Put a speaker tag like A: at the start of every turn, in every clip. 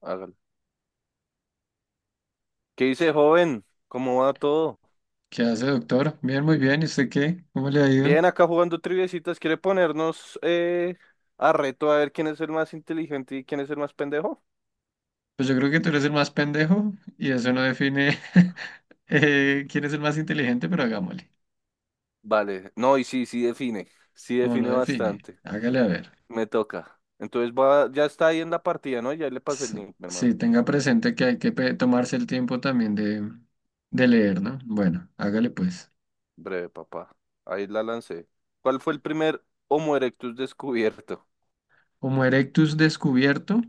A: Hágale. ¿Qué dice, joven? ¿Cómo va todo?
B: ¿Qué hace, doctor? Bien, muy bien. ¿Y usted qué? ¿Cómo le ha ido?
A: Bien, acá jugando triviecitas. ¿Quiere ponernos a reto a ver quién es el más inteligente y quién es el más pendejo?
B: Pues yo creo que tú eres el más pendejo y eso no define quién es el más inteligente, pero hagámosle.
A: Vale. No, y sí, sí define. Sí
B: No, no
A: define
B: define.
A: bastante.
B: Hágale a ver.
A: Me toca. Entonces va, ya está ahí en la partida, ¿no? Ya le pasé el
B: S-
A: link, mi hermano.
B: Sí, tenga presente que hay que tomarse el tiempo también de leer, ¿no? Bueno, hágale pues.
A: Breve, papá. Ahí la lancé. ¿Cuál fue el primer Homo erectus descubierto?
B: Homo erectus descubierto.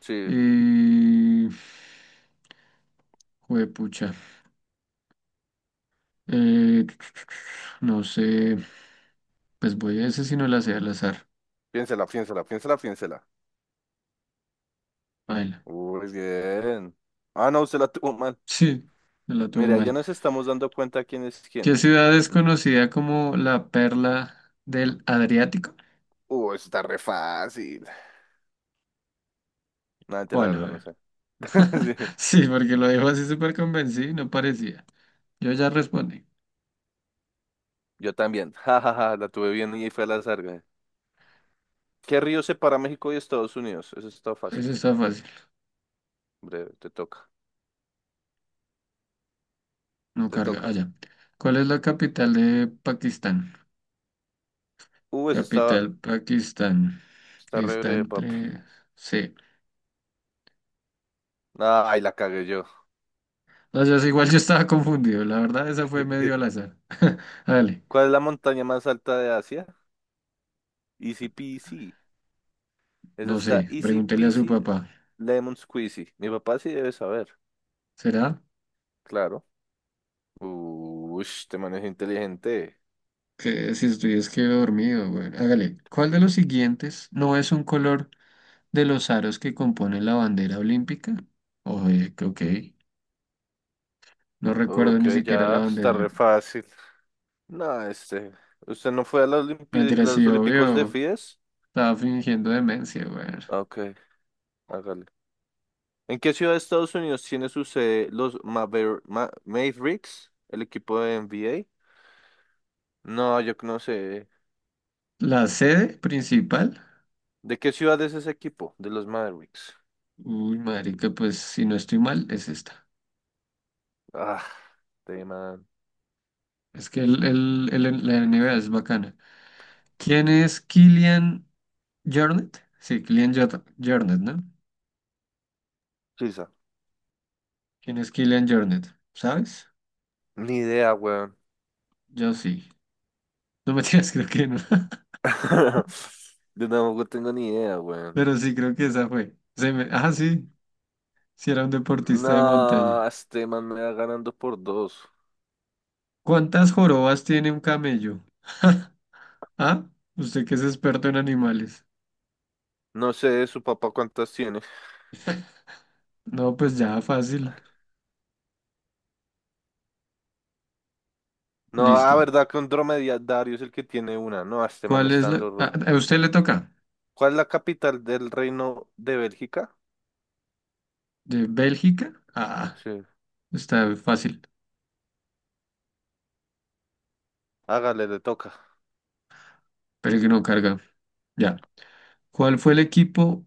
A: Sí.
B: Y... Juepucha. Eh, no sé. Pues voy a ese si no la sé al azar.
A: Piénsela, piénsela, piénsela, piénsela.
B: Baila.
A: Muy bien. Ah, no, usted la tuvo mal.
B: Sí, me la tuve
A: Mira, ya
B: mal.
A: nos estamos dando cuenta quién es quién.
B: ¿Qué ciudad es conocida como la perla del Adriático?
A: Eso está re fácil. No, ente, la
B: ¿Cuál? A
A: verdad, no
B: ver.
A: sé. Sí,
B: Sí, porque lo dijo así súper convencido, y no parecía. Yo ya respondí.
A: yo también. Ja, ja, ja, la tuve bien y fue al azar, güey. ¿Qué río separa México y Estados Unidos? Eso está
B: Eso
A: fácil.
B: está fácil.
A: Breve, te toca.
B: No
A: Te
B: carga.
A: toca.
B: Allá. ¿Cuál es la capital de Pakistán?
A: Eso está,
B: Capital Pakistán.
A: está re
B: Está
A: breve, papi.
B: entre... Sí.
A: Ay, la cagué yo.
B: No, yo sé, igual yo estaba confundido. La verdad, esa fue medio al azar. Dale.
A: ¿Cuál es la montaña más alta de Asia? Easy peasy. Esa
B: No
A: está
B: sé.
A: easy
B: Pregúntele a su
A: peasy,
B: papá.
A: lemon squeezy. Mi papá sí debe saber,
B: ¿Será?
A: claro. Uy, te manejo inteligente.
B: Que si estoy es que dormido, güey. Hágale. ¿Cuál de los siguientes no es un color de los aros que componen la bandera olímpica? Oye, que ok. No recuerdo
A: Ok,
B: ni siquiera
A: ya
B: la bandera
A: está re
B: olímpica.
A: fácil. No, este. ¿Usted no fue a los, Olimpi-
B: Mentira, sí,
A: los Olímpicos de
B: obvio.
A: Fides?
B: Estaba fingiendo demencia, weón.
A: Ok, hágale. ¿En qué ciudad de Estados Unidos tiene su sede los Mavericks, el equipo de NBA? No, yo no sé.
B: La sede principal.
A: ¿De qué ciudad es ese equipo? De los Mavericks.
B: Uy, marica, pues si no estoy mal, es esta.
A: Ah, de man.
B: Es que la NBA es bacana. ¿Quién es Kylian Jornet? Sí, Kylian Jornet, ¿no?
A: Suiza.
B: ¿Quién es Kylian Jornet? ¿Sabes?
A: Ni idea, weón.
B: Yo sí. No me tiras, creo que no.
A: Yo tampoco tengo ni idea, weón.
B: Pero sí, creo que esa fue. Se me... Ah, sí. Si era un deportista de
A: No,
B: montaña.
A: este man me va ganando por dos.
B: ¿Cuántas jorobas tiene un camello? ¿Ah? Usted que es experto en animales.
A: No sé, su papá cuántas tiene.
B: No, pues ya fácil.
A: No, ah
B: Listo.
A: verdad que un dromedario es el que tiene una. No, este man me
B: ¿Cuál es
A: está
B: la...?
A: dando.
B: Ah, a usted le toca.
A: ¿Cuál es la capital del reino de Bélgica?
B: ¿De Bélgica? Ah,
A: Sí.
B: está fácil.
A: Hágale, le toca.
B: Pero que no carga. Ya. ¿Cuál fue el equipo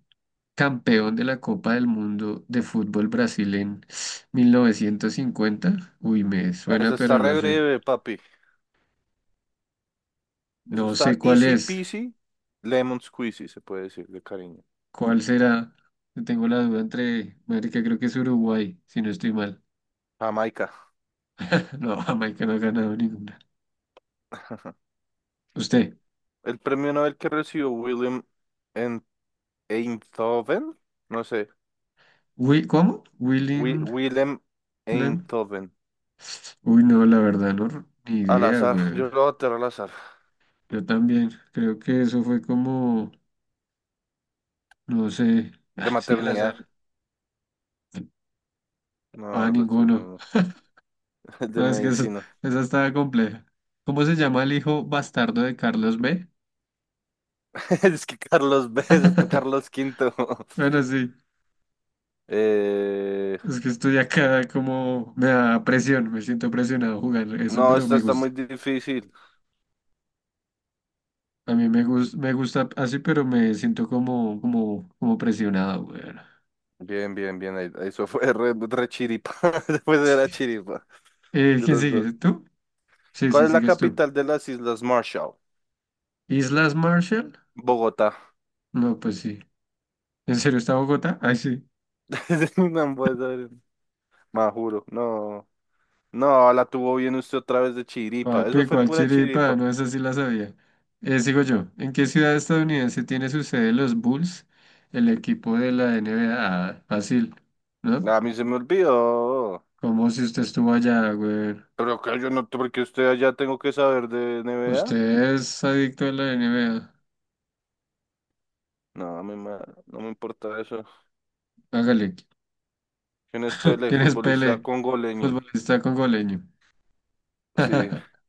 B: campeón de la Copa del Mundo de fútbol Brasil en 1950? Uy, me suena,
A: Eso está
B: pero
A: re
B: no sé.
A: breve, papi. Eso
B: No sé
A: está
B: cuál
A: easy
B: es.
A: peasy, lemon squeezy, se puede decir de cariño.
B: ¿Cuál será? Tengo la duda entre, marica, creo que es Uruguay, si no estoy mal.
A: Jamaica.
B: No, Jamaica no ha ganado ninguna. ¿Usted?
A: El premio Nobel que recibió en- Einthoven, no sé,
B: ¿Cómo?
A: Wi-
B: Willing
A: Willem
B: Lem.
A: Einthoven,
B: Uy, no, la verdad, no, ni
A: al
B: idea,
A: azar,
B: güey.
A: yo lo voy a tirar al azar,
B: Yo también, creo que eso fue como, no sé,
A: de
B: así al
A: maternidad,
B: azar. Ah,
A: no, lo estoy,
B: ninguno.
A: de
B: No, es que eso,
A: medicina.
B: esa estaba compleja. ¿Cómo se llama el hijo bastardo de Carlos B?
A: Es que Carlos B, es Carlos Quinto.
B: Bueno, sí.
A: Eh,
B: Es que estoy acá como me da presión, me siento presionado jugar eso,
A: no,
B: pero
A: esta
B: me
A: está muy
B: gusta.
A: difícil.
B: A mí me gusta así, pero me siento como presionado, weón.
A: Bien, bien, bien. Eso fue re chiripa. Después era
B: Sí.
A: chiripa de
B: ¿Quién
A: los dos.
B: sigue? ¿Tú? Sí,
A: ¿Cuál
B: sí,
A: es la
B: sigues tú.
A: capital de las Islas Marshall?
B: ¿Islas Marshall?
A: Bogotá.
B: No, pues sí. ¿En serio está Bogotá? Ay, sí.
A: No puede ser. Más juro. No. No, la tuvo bien usted otra vez de chiripa. Eso
B: Papi,
A: fue
B: ¿cuál
A: pura
B: chiripa?
A: chiripa.
B: No, esa sí la sabía. Sigo yo. ¿En qué ciudad estadounidense tiene su sede los Bulls, el equipo de la NBA? Ah, fácil, ¿no?
A: A mí se me olvidó.
B: Como si usted estuvo allá, güey.
A: Pero que yo no, porque usted allá tengo que saber de NBA.
B: Usted es adicto a la NBA.
A: No, a mí no me importa eso.
B: Hágale.
A: ¿Quién es Pele,
B: ¿Quién es
A: futbolista
B: Pelé?
A: congoleño?
B: Futbolista congoleño.
A: Sí,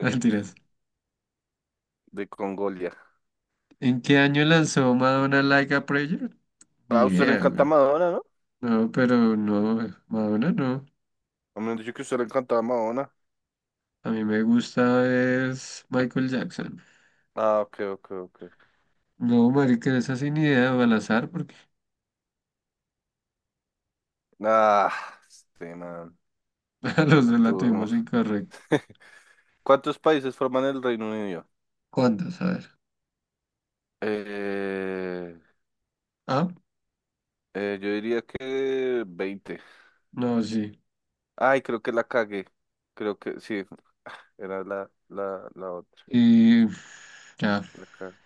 B: Mentiras.
A: de Congolia.
B: ¿En qué año lanzó Madonna Like a Prayer?
A: Ah,
B: Ni
A: a usted le
B: idea,
A: encanta
B: güey.
A: Madonna, ¿no?
B: No, pero no, Madonna no.
A: A mí me han dicho que a usted le encantaba Madonna.
B: A mí me gusta es Michael Jackson.
A: Ah, ok, ok, ok.
B: No, marica, esa sin idea, o al azar, porque
A: Ah, este man.
B: a los
A: No
B: dos la
A: tuvo-
B: tuvimos incorrecta.
A: ¿Cuántos países forman el Reino Unido?
B: ¿Cuántas? A ver.
A: Eh,
B: Ah,
A: yo diría que 20.
B: no, sí.
A: Ay, creo que la cagué. Creo que sí, era la otra.
B: Y ya,
A: La cagué.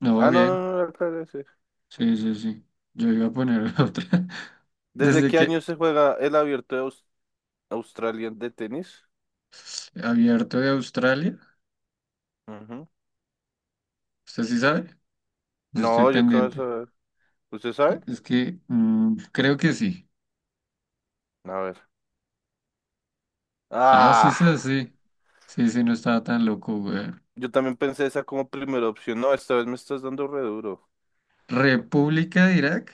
B: no,
A: Ah, no,
B: bien.
A: no, no, la cagué, sí.
B: Sí, sí, sí. Yo iba a poner otra.
A: ¿Desde
B: Desde
A: qué
B: que
A: año se juega el abierto de Australia de tenis?
B: abierto de Australia,
A: Ujú.
B: ¿usted sí sabe? Yo estoy
A: No, yo qué vas a
B: pendiente.
A: ver. ¿Usted sabe?
B: Es que creo que sí.
A: A ver.
B: Ah, sí,
A: Ah,
B: sí, sí. Sí, sí, no estaba tan loco, güey.
A: yo también pensé esa como primera opción. No, esta vez me estás dando re duro.
B: República de Irak.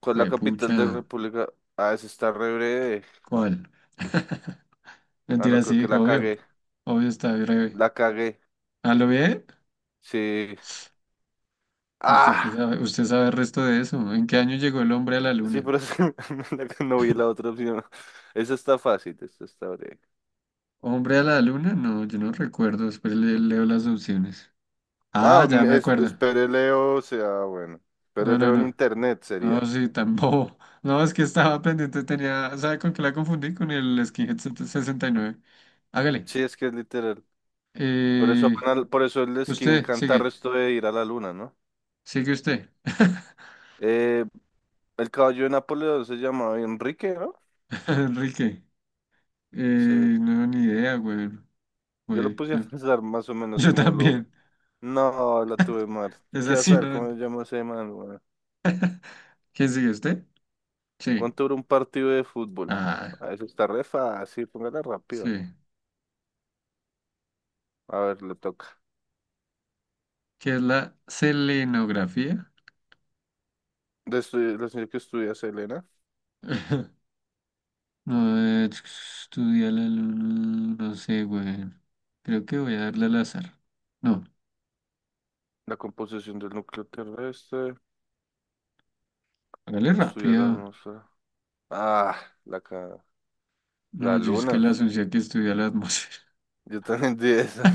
A: ¿Cuál es la
B: Güey,
A: capital de
B: pucha.
A: República? Ah, esa está re breve.
B: ¿Cuál?
A: Ah, no,
B: Mentira,
A: creo
B: sí,
A: que la
B: obvio.
A: cagué.
B: Obvio está breve.
A: La cagué.
B: ¿A lo bien?
A: Sí.
B: ¿Usted qué
A: Ah,
B: sabe? ¿Usted sabe el resto de eso? ¿En qué año llegó el hombre a la
A: sí,
B: luna?
A: pero es que la que no vi la otra opción. Esa está fácil, esta está breve.
B: ¿Hombre a la luna? No, yo no recuerdo. Después le leo las opciones.
A: Ah,
B: Ah, ya me acuerdo.
A: espere Leo, o sea, bueno.
B: No,
A: Espere
B: no,
A: Leo en
B: no.
A: internet
B: No,
A: sería.
B: sí, tan bobo. No, es que estaba pendiente, tenía. ¿Sabe con qué la confundí? Con el Skinhead 69. Hágale.
A: Sí, es que es literal. Por eso,
B: Eh,
A: por eso el skin
B: usted,
A: canta
B: sigue.
A: resto de ir a la luna, ¿no?
B: Sigue usted.
A: Eh, el caballo de Napoleón se llamaba Enrique, ¿no?
B: Enrique.
A: Sí.
B: No, ni idea, güey.
A: Yo lo
B: Güey,
A: puse a
B: no.
A: pensar más o menos
B: Yo
A: como lo.
B: también.
A: No, la tuve mal.
B: Es
A: ¿Qué
B: así,
A: azar?
B: ¿no?
A: ¿Cómo se llama ese man, weón?
B: ¿Quién sigue usted? Sí.
A: ¿Cuánto dura un partido de fútbol?
B: Ah,
A: Ah, eso está re fácil, póngala rápido.
B: sí.
A: A ver, le toca.
B: ¿Qué es la selenografía?
A: La señora que estudia Selena,
B: No, estudia la luna. No sé, güey. Creo que voy a darle al azar. No,
A: la composición del núcleo terrestre,
B: hágale
A: estudia la
B: rápido.
A: atmósfera. Ah, la, ca-
B: No,
A: la
B: yo es que
A: luna.
B: la asunción que estudia la atmósfera.
A: Yo también di esa.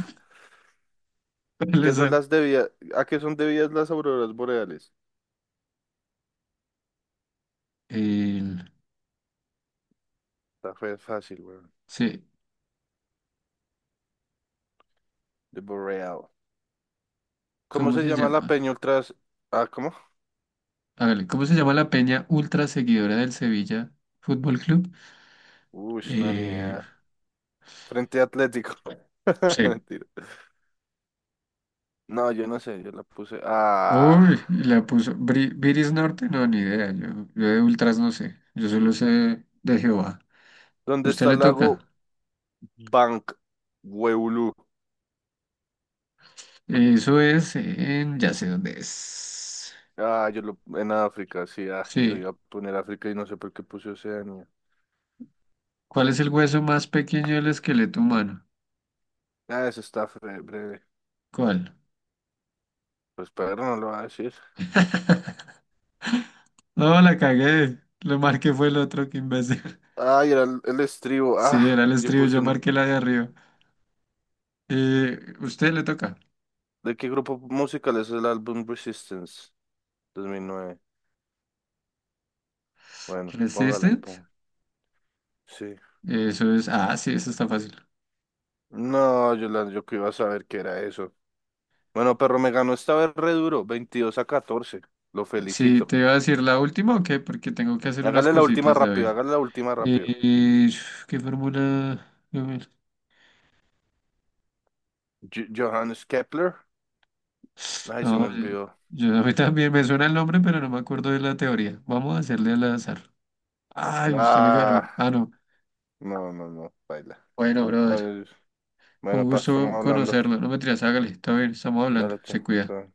B: Al
A: ¿Qué son
B: azar.
A: las debidas? ¿A qué son debidas las auroras boreales?
B: El,
A: Está fácil, güey.
B: sí,
A: The Boreal. ¿Cómo
B: ¿cómo
A: se
B: se
A: llama la
B: llama?
A: peña ultras? Ah, ¿cómo?
B: Hágale, ¿cómo se llama la peña ultra seguidora del Sevilla Fútbol Club?
A: Uy, no, ni
B: Eh,
A: idea. Frente Atlético.
B: sí.
A: Mentira. No, yo no sé, yo la puse. Ah,
B: Uy, la puso. Viris Norte, no, ni idea. Yo de ultras no sé. Yo solo sé de Jehová.
A: ¿dónde
B: Usted
A: está
B: le
A: el
B: toca.
A: lago Bank Weulu?
B: Eso es en, ya sé dónde es.
A: Ah, yo lo en África, sí, yo
B: Sí.
A: iba a poner África y no sé por qué puse Oceanía.
B: ¿Cuál es el hueso más pequeño del esqueleto humano?
A: Ah, eso está breve.
B: ¿Cuál?
A: Pues pero no lo va a decir.
B: No, la cagué. Lo marqué fue el otro, que imbécil.
A: Ay, era el estribo. Ah,
B: Sí, era el
A: yo
B: estribo,
A: puse
B: yo marqué la de arriba. Usted le toca.
A: ¿De qué grupo musical es el álbum Resistance? 2009. Bueno, póngala,
B: Resistance.
A: pon. Sí.
B: Eso es. Ah, sí, eso está fácil.
A: No, Yolanda, yo que iba a saber qué era eso. Bueno, perro, me ganó esta vez re duro, 22 a catorce. Lo
B: Sí,
A: felicito.
B: te iba a decir la última o qué, porque tengo que hacer unas
A: Hágale la última
B: cositas,
A: rápido,
B: David.
A: hágale la última rápido.
B: Eh, ¿Qué fórmula? A ver.
A: Johannes Kepler. Ay, se me
B: No,
A: olvidó.
B: a mí también me suena el nombre, pero no me acuerdo de la teoría. Vamos a hacerle al azar. Ay, usted me
A: Ah,
B: ganó. Ah, no.
A: no, no, no, baila.
B: Bueno, brother,
A: Ay,
B: un
A: bueno, pa, estamos
B: gusto
A: hablando.
B: conocerlo. No me tiras, hágale. Está bien, estamos hablando.
A: Dale,
B: Se
A: chao.
B: cuida.
A: Chao.